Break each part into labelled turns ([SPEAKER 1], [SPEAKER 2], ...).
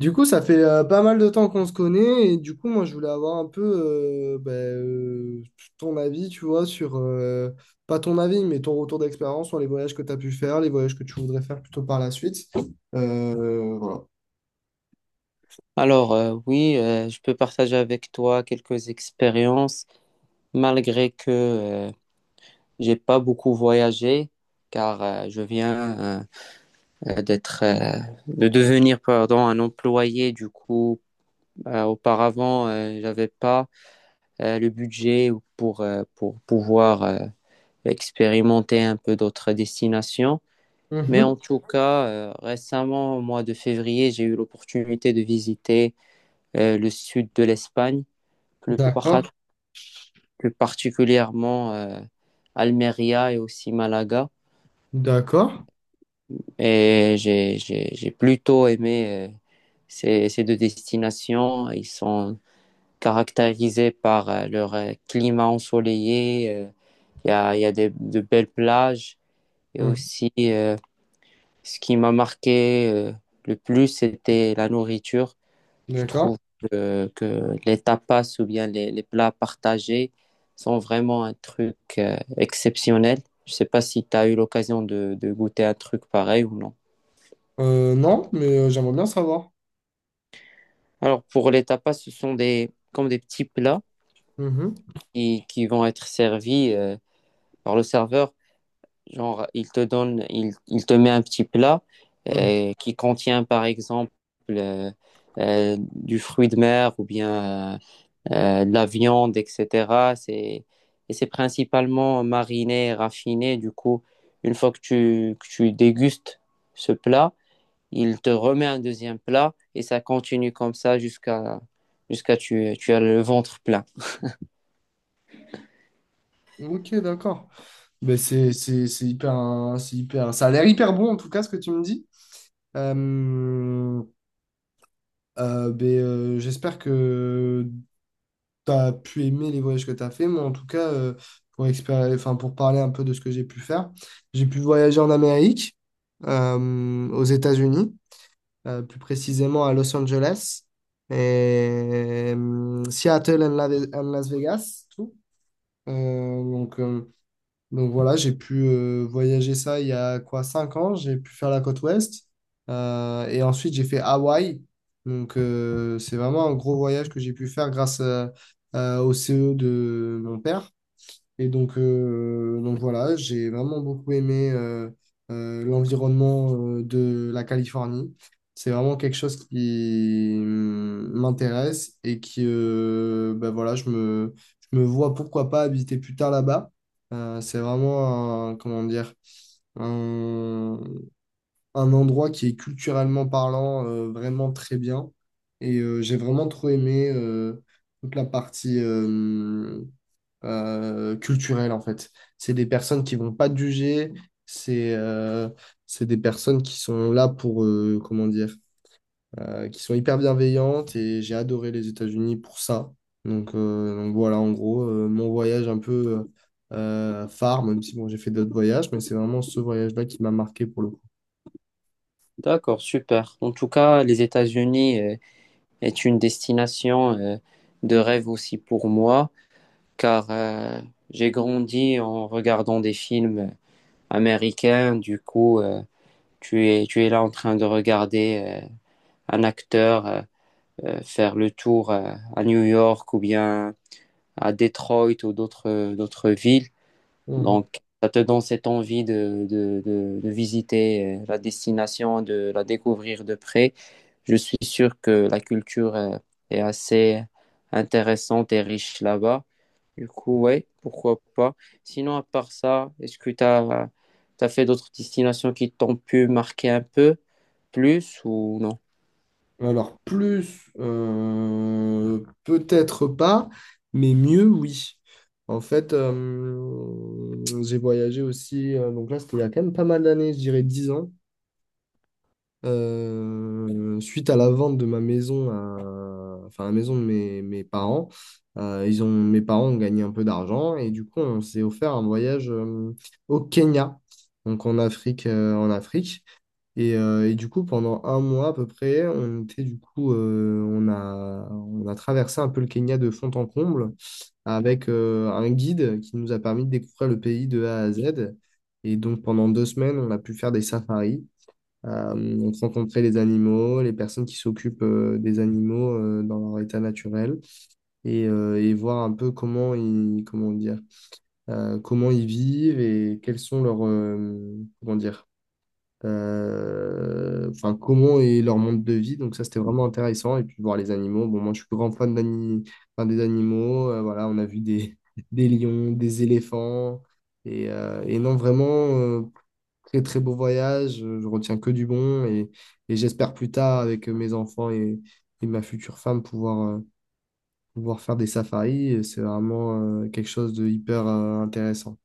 [SPEAKER 1] Du coup, ça fait pas mal de temps qu'on se connaît et du coup, moi, je voulais avoir un peu ton avis, tu vois, sur, pas ton avis, mais ton retour d'expérience sur les voyages que tu as pu faire, les voyages que tu voudrais faire plutôt par la suite. Voilà.
[SPEAKER 2] Alors, oui, je peux partager avec toi quelques expériences, malgré que euh, j'ai pas beaucoup voyagé, car je viens euh, d'être, euh, de devenir, pardon, un employé. Du coup, auparavant, j'avais pas le budget pour pouvoir expérimenter un peu d'autres destinations. Mais
[SPEAKER 1] Mhm.
[SPEAKER 2] en tout cas, récemment, au mois de février, j'ai eu l'opportunité de visiter le sud de l'Espagne plus par-
[SPEAKER 1] D'accord.
[SPEAKER 2] plus particulièrement Almeria et aussi Malaga.
[SPEAKER 1] D'accord.
[SPEAKER 2] Et j'ai plutôt aimé ces deux destinations. Ils sont caractérisés par leur climat ensoleillé. Il y a de belles plages. Et
[SPEAKER 1] Mhm.
[SPEAKER 2] aussi, ce qui m'a marqué le plus, c'était la nourriture. Je
[SPEAKER 1] D'accord.
[SPEAKER 2] trouve que les tapas ou bien les plats partagés sont vraiment un truc exceptionnel. Je sais pas si tu as eu l'occasion de goûter un truc pareil ou non.
[SPEAKER 1] Non, mais j'aimerais bien savoir.
[SPEAKER 2] Alors, pour les tapas, ce sont des, comme des petits plats
[SPEAKER 1] Mhm.
[SPEAKER 2] qui vont être servis par le serveur. Genre, il te donne, il te met un petit plat qui contient, par exemple, euh, du fruit de mer ou bien euh, de la viande, etc. Et c'est principalement mariné, raffiné. Du coup, une fois que que tu dégustes ce plat, il te remet un deuxième plat et ça continue comme ça jusqu'à tu as le ventre plein.
[SPEAKER 1] Mhm. Ok, d'accord. Ben, c'est hyper, un- c'est hyper, ça a l'air hyper bon en tout cas ce que tu me dis. Euh, J'espère que tu as pu aimer les voyages que tu as fait. Moi, en tout cas, enfin, pour parler un peu de ce que j'ai pu faire, j'ai pu voyager en Amérique, aux États-Unis, plus précisément à Los Angeles, et, Seattle and, and Las Vegas, tout. Euh, donc, euh, donc voilà, j'ai pu voyager ça il y a quoi, 5 ans, j'ai pu faire la côte ouest. Et ensuite, j'ai fait Hawaï. Donc c'est vraiment un gros voyage que j'ai pu faire grâce au CE de mon père. Et donc voilà, j'ai vraiment beaucoup aimé l'environnement de la Californie. C'est vraiment quelque chose qui m'intéresse et qui, ben voilà, je me vois pourquoi pas habiter plus tard là-bas. C'est vraiment un, comment dire, un, un endroit qui est culturellement parlant vraiment très bien. J'ai vraiment trop aimé toute la partie, culturelle, en fait. C'est des personnes qui vont pas te juger, c'est euh, c'est des personnes qui sont là pour, comment dire, qui sont hyper bienveillantes et j'ai adoré les États-Unis pour ça. Donc voilà, en gros, mon voyage un peu phare, même si bon, j'ai fait d'autres voyages, mais c'est vraiment ce voyage-là qui m'a marqué pour le coup.
[SPEAKER 2] D'accord, super. En tout cas, les États-Unis est une destination de rêve aussi pour moi, car j'ai grandi en regardant des films américains. Du coup, tu es tu es là en train de regarder un acteur faire le tour à New York ou bien à Detroit ou d'autres d'autres villes.
[SPEAKER 1] Mhm.
[SPEAKER 2] Donc, ça te donne cette envie de visiter la destination, de la découvrir de près. Je suis sûr que la culture est assez intéressante et riche là-bas. Du coup, ouais, pourquoi pas. Sinon, à part ça, est-ce que tu as fait d'autres destinations qui t'ont pu marquer un peu plus ou non?
[SPEAKER 1] Alors, plus, peut-être pas, mais mieux, oui. En fait, j'ai voyagé aussi, donc là, c'était il y a quand même pas mal d'années, je dirais 10 ans, suite à la vente de ma maison, enfin, la maison de mes parents. Mes parents ont gagné un peu d'argent et du coup, on s'est offert un voyage au Kenya, donc en Afrique, en Afrique. Et du coup, pendant un mois à peu près, on était du coup, on a traversé un peu le Kenya de fond en comble avec un guide qui nous a permis de découvrir le pays de A à Z. Et donc pendant deux semaines, on a pu faire des safaris. On rencontrait les animaux, les personnes qui s'occupent des animaux dans leur état naturel et voir un peu comment ils, comment dire, comment ils vivent et quels sont leurs, comment dire, enfin, comment est leur monde de vie. Donc ça, c'était vraiment intéressant. Et puis voir les animaux. Bon, moi, je suis grand enfin, des animaux. Voilà, on a vu des, des lions, des éléphants. Et non, vraiment, euh, très, très beau voyage. Je retiens que du bon. Et j'espère plus tard, avec mes enfants et ma future femme, pouvoir, pouvoir faire des safaris. C'est vraiment, quelque chose de hyper, intéressant.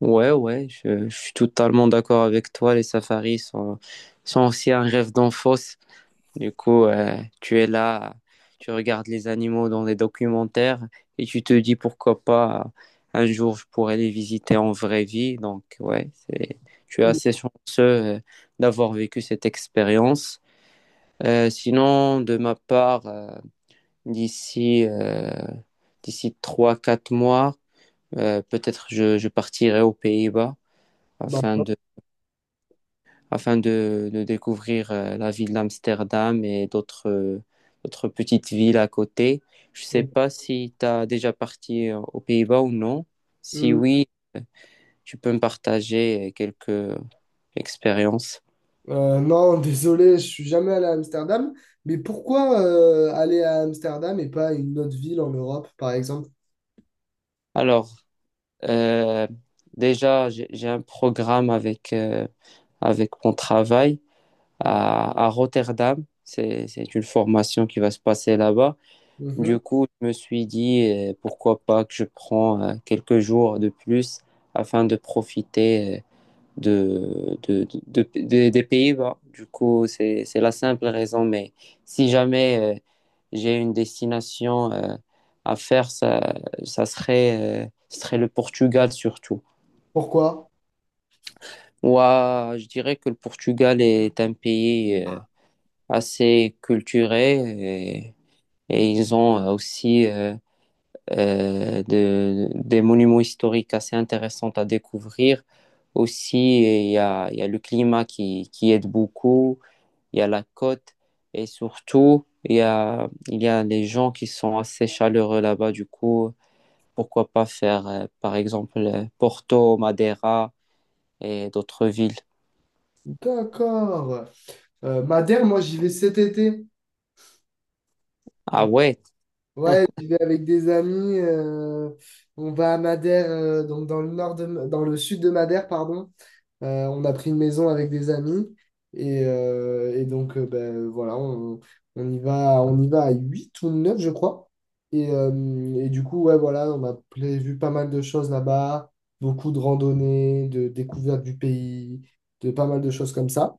[SPEAKER 2] Ouais, ouais, je suis totalement d'accord avec toi. Les safaris sont aussi un rêve d'enfance. Du coup, tu es là, tu regardes les animaux dans les documentaires et tu te dis pourquoi pas un jour je pourrais les visiter en vraie vie. Donc, ouais, c'est, je suis assez chanceux d'avoir vécu cette expérience. Sinon, de ma part, d'ici euh, d'ici trois quatre mois, peut-être je partirai aux Pays-Bas
[SPEAKER 1] Bah.
[SPEAKER 2] afin de, de découvrir la ville d'Amsterdam et d'autres d'autres petites villes à côté. Je sais pas si tu as déjà parti aux Pays-Bas ou non. Si oui, tu peux me partager quelques expériences.
[SPEAKER 1] Non, désolé, je suis jamais allé à Amsterdam. Mais pourquoi aller à Amsterdam et pas à une autre ville en Europe, par exemple?
[SPEAKER 2] Alors, euh, déjà, j'ai un programme avec mon travail à Rotterdam. C'est une formation qui va se passer là-bas.
[SPEAKER 1] Mhm.
[SPEAKER 2] Du coup, je me suis dit, pourquoi pas que je prends quelques jours de plus afin de profiter des Pays-Bas. Du coup, c'est la simple raison, mais si jamais j'ai une destination à faire, ça serait, ce serait le Portugal surtout.
[SPEAKER 1] Pourquoi?
[SPEAKER 2] Moi, je dirais que le Portugal est un pays assez culturé et ils ont aussi... des monuments historiques assez intéressants à découvrir. Aussi, il y a le climat qui aide beaucoup, il y a la côte et surtout, il y a les gens qui sont assez chaleureux là-bas. Du coup, pourquoi pas faire, par exemple, Porto, Madeira et d'autres villes.
[SPEAKER 1] D'accord. Madère, moi, j'y vais cet été.
[SPEAKER 2] Ah
[SPEAKER 1] Donc,
[SPEAKER 2] ouais,
[SPEAKER 1] ouais, j'y vais avec des amis. On va à Madère, donc dans le dans le sud de Madère, pardon. On a pris une maison avec des amis. Et donc, ben, voilà, on y va à 8 ou 9 je crois. Et, euh, et du coup, ouais, voilà, on a prévu pas mal de choses là-bas, beaucoup de randonnées, de découvertes du pays, de pas mal de choses comme ça.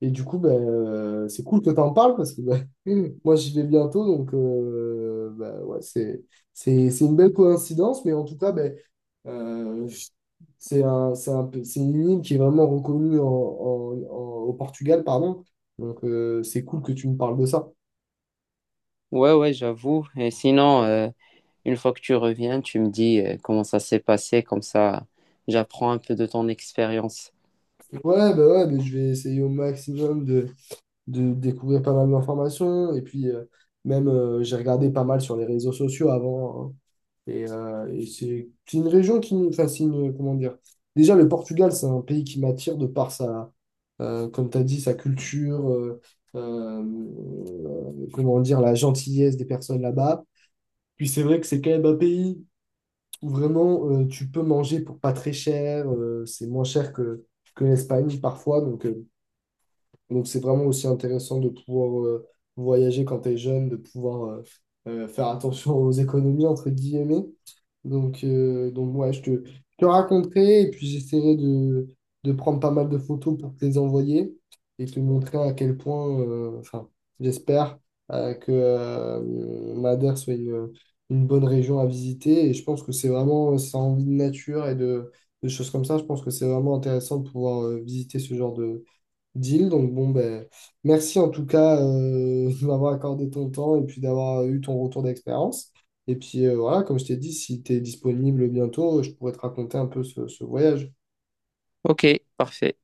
[SPEAKER 1] Et du coup, ben, c'est cool que tu en parles parce que ben, moi, j'y vais bientôt. Donc, ben, ouais, c'est une belle coïncidence. Mais en tout cas, ben, euh, c'est une île qui est vraiment reconnue au Portugal, pardon. Donc, c'est cool que tu me parles de ça.
[SPEAKER 2] ouais, j'avoue. Et sinon, une fois que tu reviens, tu me dis comment ça s'est passé, comme ça, j'apprends un peu de ton expérience.
[SPEAKER 1] Ouais, bah ouais, mais je vais essayer au maximum de découvrir pas mal d'informations. Et puis, même, j'ai regardé pas mal sur les réseaux sociaux avant, hein. Et c'est une région qui nous fascine, comment dire. Déjà, le Portugal, c'est un pays qui m'attire de par sa, comme tu as dit, sa culture, comment dire, la gentillesse des personnes là-bas. Puis c'est vrai que c'est quand même un pays où vraiment tu peux manger pour pas très cher, c'est moins cher que l'Espagne parfois, donc et donc, c'est vraiment aussi intéressant de pouvoir voyager quand tu es jeune, de pouvoir faire attention aux économies, entre guillemets. Donc ouais, je te raconterai et puis j'essaierai de prendre pas mal de photos pour te les envoyer et te montrer à quel point, enfin, j'espère que Madère soit une bonne région à visiter. Et je pense que c'est vraiment, ça a envie de nature et de choses comme ça. Je pense que c'est vraiment intéressant de pouvoir visiter ce genre de, deal. Donc bon, ben, merci en tout cas de m'avoir accordé ton temps et puis d'avoir eu ton retour d'expérience. Et puis voilà, comme je t'ai dit, si tu es disponible bientôt, je pourrais te raconter un peu ce voyage.
[SPEAKER 2] Ok, parfait.